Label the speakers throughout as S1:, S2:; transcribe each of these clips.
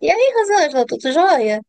S1: E aí, Rosângela, tudo jóia?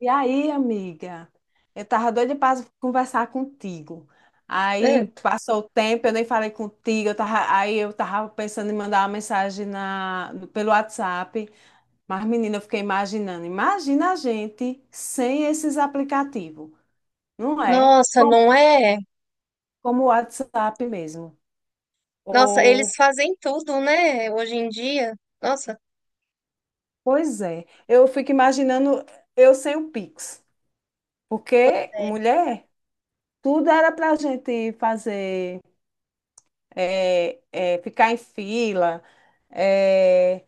S2: E aí, amiga? Eu tava doida pra conversar contigo. Aí
S1: Hum.
S2: passou o tempo, eu nem falei contigo. Eu tava pensando em mandar uma mensagem na, no- pelo WhatsApp. Mas, menina, eu fiquei imaginando. Imagina a gente sem esses aplicativos, não é?
S1: Nossa,
S2: Como,
S1: não é?
S2: como o WhatsApp mesmo.
S1: Nossa, eles
S2: Ou,
S1: fazem tudo, né? Hoje em dia. Nossa,
S2: Pois é. Eu fico imaginando eu sem o Pix. Porque,
S1: é.
S2: mulher, tudo era pra gente fazer. É, ficar em fila, é,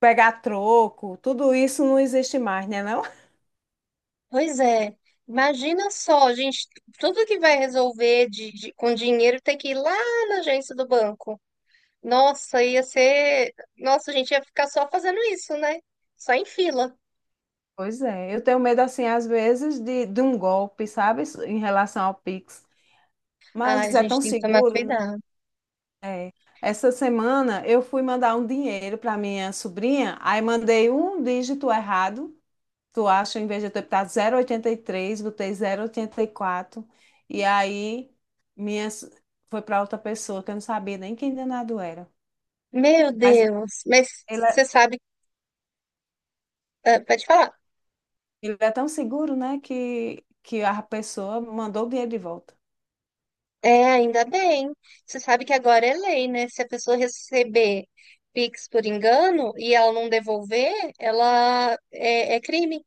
S2: pegar troco, tudo isso não existe mais, né, não?
S1: Pois é. Imagina só, gente, tudo que vai resolver com dinheiro tem que ir lá na agência do banco. Nossa, ia ser. Nossa, a gente ia ficar só fazendo isso, né? Só em fila.
S2: Pois é, eu tenho medo, assim, às vezes, de um golpe, sabe, em relação ao Pix.
S1: Ai,
S2: Mas
S1: a
S2: é
S1: gente
S2: tão
S1: tem que tomar
S2: seguro, né?
S1: cuidado.
S2: É. Essa semana eu fui mandar um dinheiro para minha sobrinha, aí mandei um dígito errado. Tu acha, em vez de eu ter botado 0,83, botei zero vírgula oitenta e quatro, e aí minha, s- foi para outra pessoa que eu não sabia nem quem danado era.
S1: Meu
S2: Mas
S1: Deus, mas
S2: ele é,
S1: você sabe, ah, pode falar.
S2: ele é tão seguro, né, que a pessoa mandou o dinheiro de volta.
S1: É, ainda bem. Você sabe que agora é lei, né? Se a pessoa receber Pix por engano e ela não devolver, ela é crime.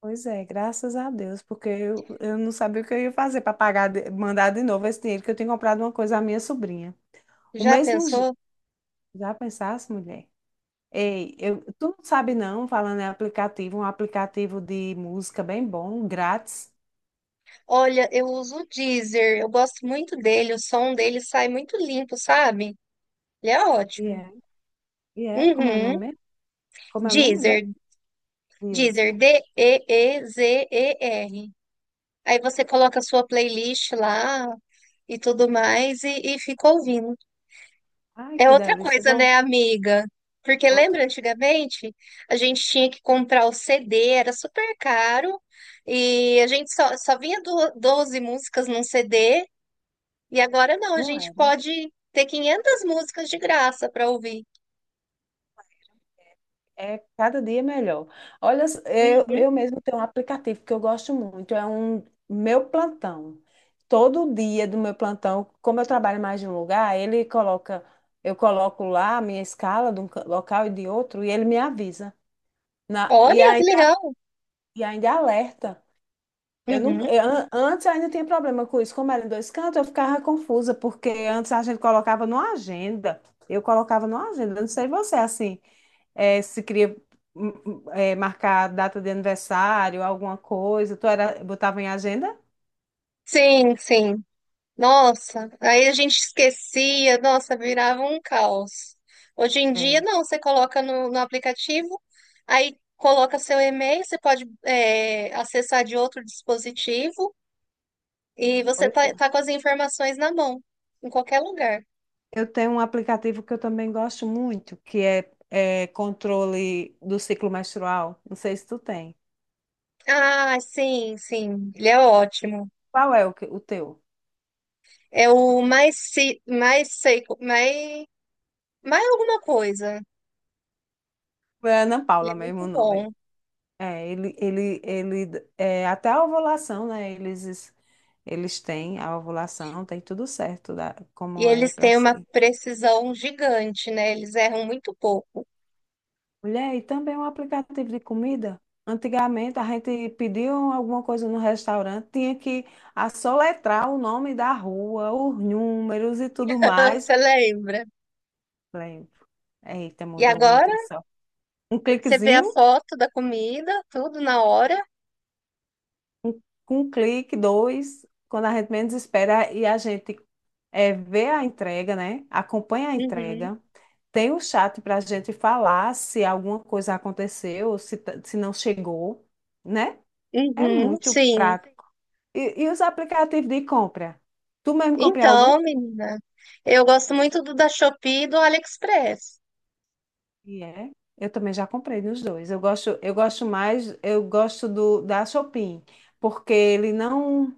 S2: Pois é, graças a Deus, porque eu não sabia o que eu ia fazer para pagar, mandar de novo esse dinheiro que eu tinha comprado uma coisa à minha sobrinha. O
S1: Já
S2: mesmo je-
S1: pensou?
S2: Já pensasse, mulher? Ei, tu não sabe não, falando em aplicativo, um aplicativo de música bem bom, grátis.
S1: Olha, eu uso o Deezer, eu gosto muito dele, o som dele sai muito limpo, sabe? Ele é
S2: E é,
S1: ótimo.
S2: e é, como é o
S1: Uhum.
S2: nome? Mesmo? Como é o nome, mulher?
S1: Deezer,
S2: Dias.
S1: Deezer, D-E-E-Z-E-R. Aí você coloca a sua playlist lá e tudo mais e fica ouvindo.
S2: Ai,
S1: É
S2: que
S1: outra
S2: delícia. Eu
S1: coisa,
S2: vou
S1: né, amiga? Porque
S2: outra.
S1: lembra antigamente a gente tinha que comprar o CD, era super caro e a gente só vinha do, 12 músicas num CD e agora não, a
S2: Não
S1: gente
S2: é.
S1: pode ter 500 músicas de graça para ouvir.
S2: É cada dia melhor. Olha, eu,
S1: Uhum.
S2: eu mesmo tenho um aplicativo que eu gosto muito, é um meu plantão. Todo dia do meu plantão, como eu trabalho mais de um lugar, eu coloco lá a minha escala de um local e de outro, e ele me avisa. Na, e
S1: Olha que
S2: ainda,
S1: legal!
S2: e ainda alerta. Eu nunca,
S1: Uhum.
S2: eu an- Antes eu ainda tinha problema com isso. Como era em dois cantos, eu ficava confusa, porque antes a gente colocava numa agenda. Eu colocava numa agenda, eu não sei você, assim, se queria marcar data de aniversário, alguma coisa, botava em agenda?
S1: Sim, sim. Nossa, aí a gente esquecia, nossa, virava um caos. Hoje em dia,
S2: É,
S1: não, você coloca no aplicativo, aí coloca seu e-mail, você pode é, acessar de outro dispositivo e você
S2: pois
S1: tá,
S2: é.
S1: tá com as informações na mão, em qualquer lugar.
S2: Eu tenho um aplicativo que eu também gosto muito, que é controle do ciclo menstrual. Não sei se tu tem.
S1: Ah, sim, sim, ele é ótimo.
S2: Qual é o teu?
S1: É o mais, se mais seco, mais, mais alguma coisa.
S2: É Ana
S1: Ele
S2: Paula
S1: é
S2: mesmo o
S1: muito
S2: nome.
S1: bom.
S2: É, ele, é, até a ovulação, né? Eles têm a ovulação, tem tudo certo da,
S1: E
S2: como é
S1: eles
S2: para
S1: têm uma
S2: ser.
S1: precisão gigante, né? Eles erram muito pouco.
S2: Mulher, e também um aplicativo de comida. Antigamente a gente pediu alguma coisa no restaurante, tinha que assoletrar o nome da rua, os números e tudo
S1: Ah,
S2: mais.
S1: você lembra?
S2: Falei, eita,
S1: E
S2: mudou muito,
S1: agora
S2: é só um
S1: você vê a
S2: cliquezinho.
S1: foto da comida, tudo na hora.
S2: um, com um clique, dois, quando a gente menos espera e a gente vê a entrega, né? Acompanha a
S1: Uhum,
S2: entrega. Tem o chat para a gente falar se alguma coisa aconteceu, se não chegou, né? É
S1: uhum,
S2: muito
S1: sim.
S2: prático. E os aplicativos de compra? Tu mesmo comprei algum?
S1: Então, menina, eu gosto muito do da Shopee e do AliExpress.
S2: E é. Eu também já comprei nos dois. Eu gosto mais, eu gosto do da Shopee, porque ele não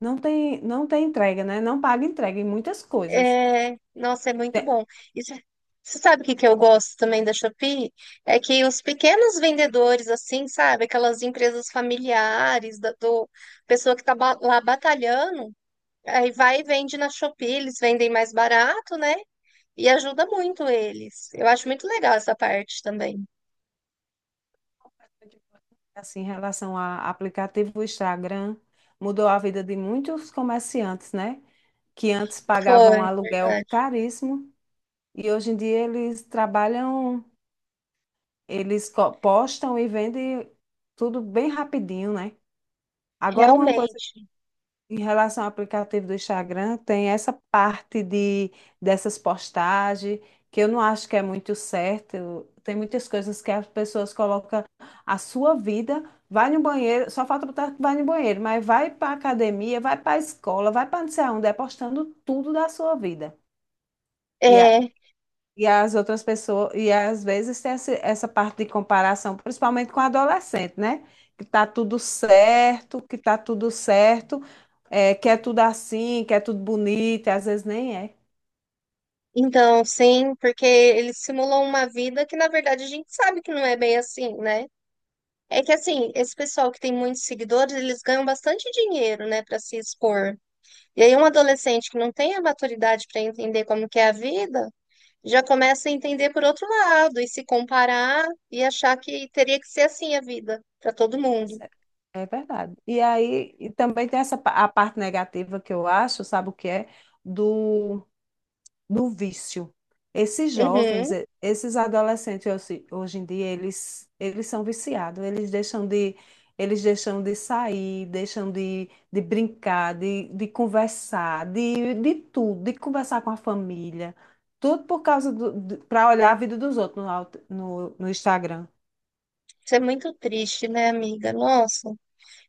S2: não tem não tem entrega, né? Não paga entrega em muitas coisas.
S1: É, nossa, é muito
S2: Te-
S1: bom. E você sabe o que que eu gosto também da Shopee? É que os pequenos vendedores, assim, sabe? Aquelas empresas familiares, da do, pessoa que tá ba- lá batalhando, aí vai e vende na Shopee, eles vendem mais barato, né? E ajuda muito eles. Eu acho muito legal essa parte também.
S2: Assim, em relação a aplicativo Instagram, mudou a vida de muitos comerciantes, né? Que antes pagavam
S1: Foi,
S2: aluguel
S1: verdade.
S2: caríssimo e hoje em dia eles trabalham, eles postam e vendem tudo bem rapidinho, né? Agora, uma coisa.
S1: Realmente.
S2: Em relação ao aplicativo do Instagram, tem essa parte de dessas postagens que eu não acho que é muito certo. Tem muitas coisas que as pessoas colocam a sua vida, vai no banheiro, só falta botar que vai no banheiro, mas vai para academia, vai para a escola, vai para não sei aonde, é postando tudo da sua vida. e a-
S1: É.
S2: e as outras pessoas, e às vezes tem essa parte de comparação, principalmente com adolescente, né? Que tá tudo certo, que tá tudo certo, é, que é tudo assim, que é tudo bonito, e às vezes nem é.
S1: Então, sim, porque eles simulam uma vida que, na verdade, a gente sabe que não é bem assim, né? É que, assim, esse pessoal que tem muitos seguidores, eles ganham bastante dinheiro, né, para se expor. E aí, um adolescente que não tem a maturidade para entender como que é a vida, já começa a entender por outro lado e se comparar e achar que teria que ser assim a vida para todo mundo.
S2: Pois é. É verdade. E aí, e também tem a parte negativa que eu acho, sabe o que é? do do vício. Esses jovens,
S1: Uhum.
S2: esses adolescentes hoje em dia, eles são viciados, eles deixam de sair, deixam de brincar, de conversar, de tudo, de conversar com a família, tudo por causa para olhar a vida dos outros no Instagram.
S1: Isso é muito triste, né, amiga? Nossa,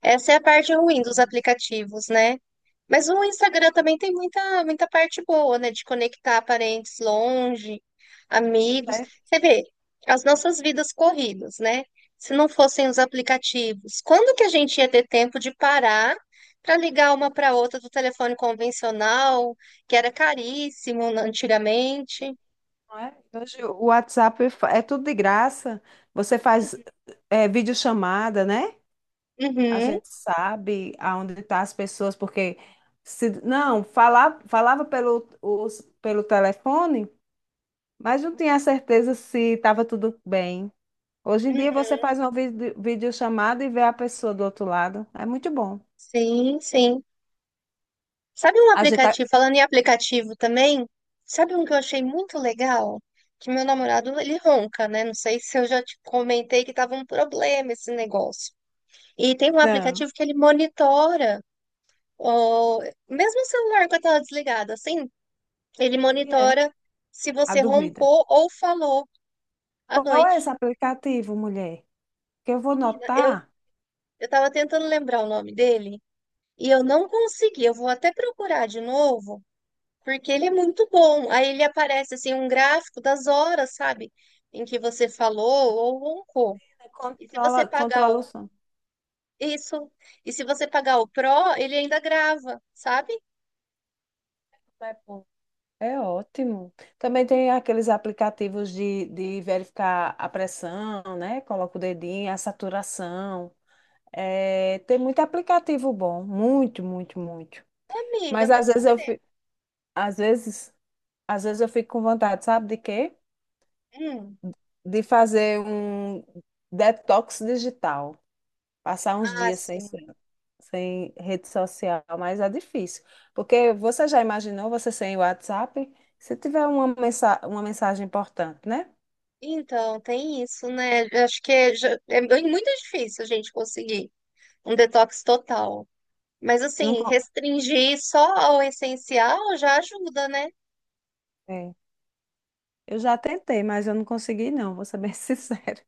S1: essa é a parte ruim dos
S2: Mas-
S1: aplicativos, né? Mas o Instagram também tem muita parte boa, né? De conectar parentes longe, amigos.
S2: É,
S1: Você vê, as nossas vidas corridas, né? Se não fossem os aplicativos, quando que a gente ia ter tempo de parar para ligar uma para outra do telefone convencional, que era caríssimo antigamente?
S2: não é? Hoje o WhatsApp é tudo de graça. Você faz é, videochamada, né? A
S1: Uhum.
S2: gente sabe aonde estão as pessoas, porque se não, falava pelo telefone, mas não tinha certeza se estava tudo bem. Hoje em dia
S1: Uhum.
S2: você faz uma videochamada e vê a pessoa do outro lado. É muito bom.
S1: Sim, sim. Sabe um
S2: A gente tá.
S1: aplicativo, falando em aplicativo também, sabe um que eu achei muito legal? Que meu namorado, ele ronca, né? Não sei se eu já te comentei que tava um problema esse negócio. E tem um
S2: Não.
S1: aplicativo que ele monitora, o... mesmo o celular com a tela desligada, assim, ele
S2: E é
S1: monitora se
S2: a
S1: você
S2: dormida.
S1: roncou ou falou à
S2: Qual é
S1: noite.
S2: esse aplicativo, mulher? Que eu vou
S1: Menina, eu,
S2: notar.
S1: eu tava tentando lembrar o nome dele e eu não consegui. Eu vou até procurar de novo. Porque ele é muito bom. Aí ele aparece assim um gráfico das horas, sabe? Em que você falou ou roncou. E se você
S2: controla,
S1: pagar
S2: controla
S1: o
S2: o sono.
S1: isso, e se você pagar o Pro, ele ainda grava, sabe?
S2: É ótimo. Também tem aqueles aplicativos de verificar a pressão, né? Coloca o dedinho, a saturação. É, tem muito aplicativo bom, muito, muito, muito.
S1: Ô, amiga,
S2: Mas
S1: mas
S2: às vezes eu,
S1: você.
S2: fi- às vezes, às vezes eu fico com vontade, sabe de quê?
S1: Hum.
S2: De fazer um detox digital, passar uns
S1: Ah,
S2: dias sem,
S1: sim.
S2: sem sem rede social, mas é difícil. Porque você já imaginou você sem WhatsApp? Se tiver uma mensagem importante, né?
S1: Então, tem isso, né? Eu acho que muito difícil a gente conseguir um detox total. Mas
S2: Não,
S1: assim, restringir só ao essencial já ajuda, né?
S2: é. Eu já tentei, mas eu não consegui, não, vou ser bem sincero.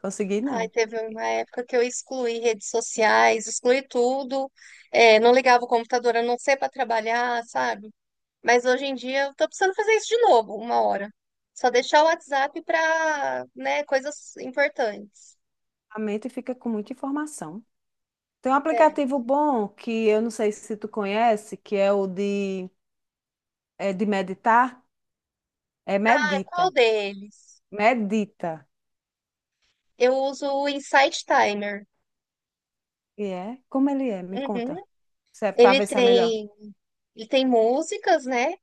S2: Consegui,
S1: Ai,
S2: não.
S1: teve uma época que eu excluí redes sociais, excluí tudo, é, não ligava o computador a não ser para trabalhar, sabe? Mas hoje em dia eu tô precisando fazer isso de novo, uma hora. Só deixar o WhatsApp para, né, coisas importantes.
S2: A mente fica com muita informação. Tem um
S1: É.
S2: aplicativo bom que eu não sei se tu conhece, que é é de meditar. É
S1: Ah,
S2: Medita.
S1: qual deles?
S2: Medita.
S1: Eu uso o Insight Timer.
S2: E é? Como ele é? Me
S1: Uhum.
S2: conta. Para
S1: Ele
S2: ver se é melhor.
S1: tem, ele tem músicas, né?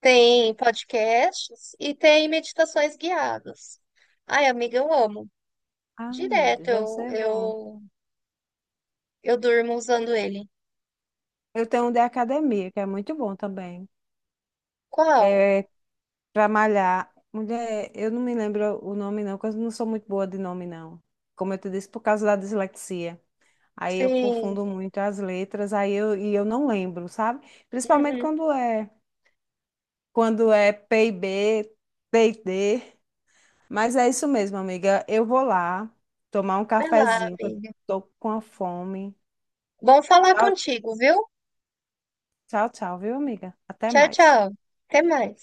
S1: Tem podcasts e tem meditações guiadas. Ai, amiga, eu amo.
S2: Ai, meu
S1: Direto,
S2: Deus, deve ser bom.
S1: eu durmo usando ele.
S2: Eu tenho um de academia, que é muito bom também.
S1: Qual?
S2: É, pra malhar. Mulher, eu não me lembro o nome, não, porque eu não sou muito boa de nome, não. Como eu te disse, por causa da dislexia. Aí eu
S1: Sim.
S2: confundo muito as letras, e eu não lembro, sabe? Principalmente
S1: Uhum.
S2: quando é P e B, T e D. Mas é isso mesmo, amiga. Eu vou lá tomar um
S1: Vai lá,
S2: cafezinho, que eu
S1: amiga.
S2: tô com a fome.
S1: Bom falar
S2: Tchau,
S1: contigo, viu?
S2: tchau, tchau, viu, amiga? Até
S1: Tchau,
S2: mais.
S1: tchau. Até mais.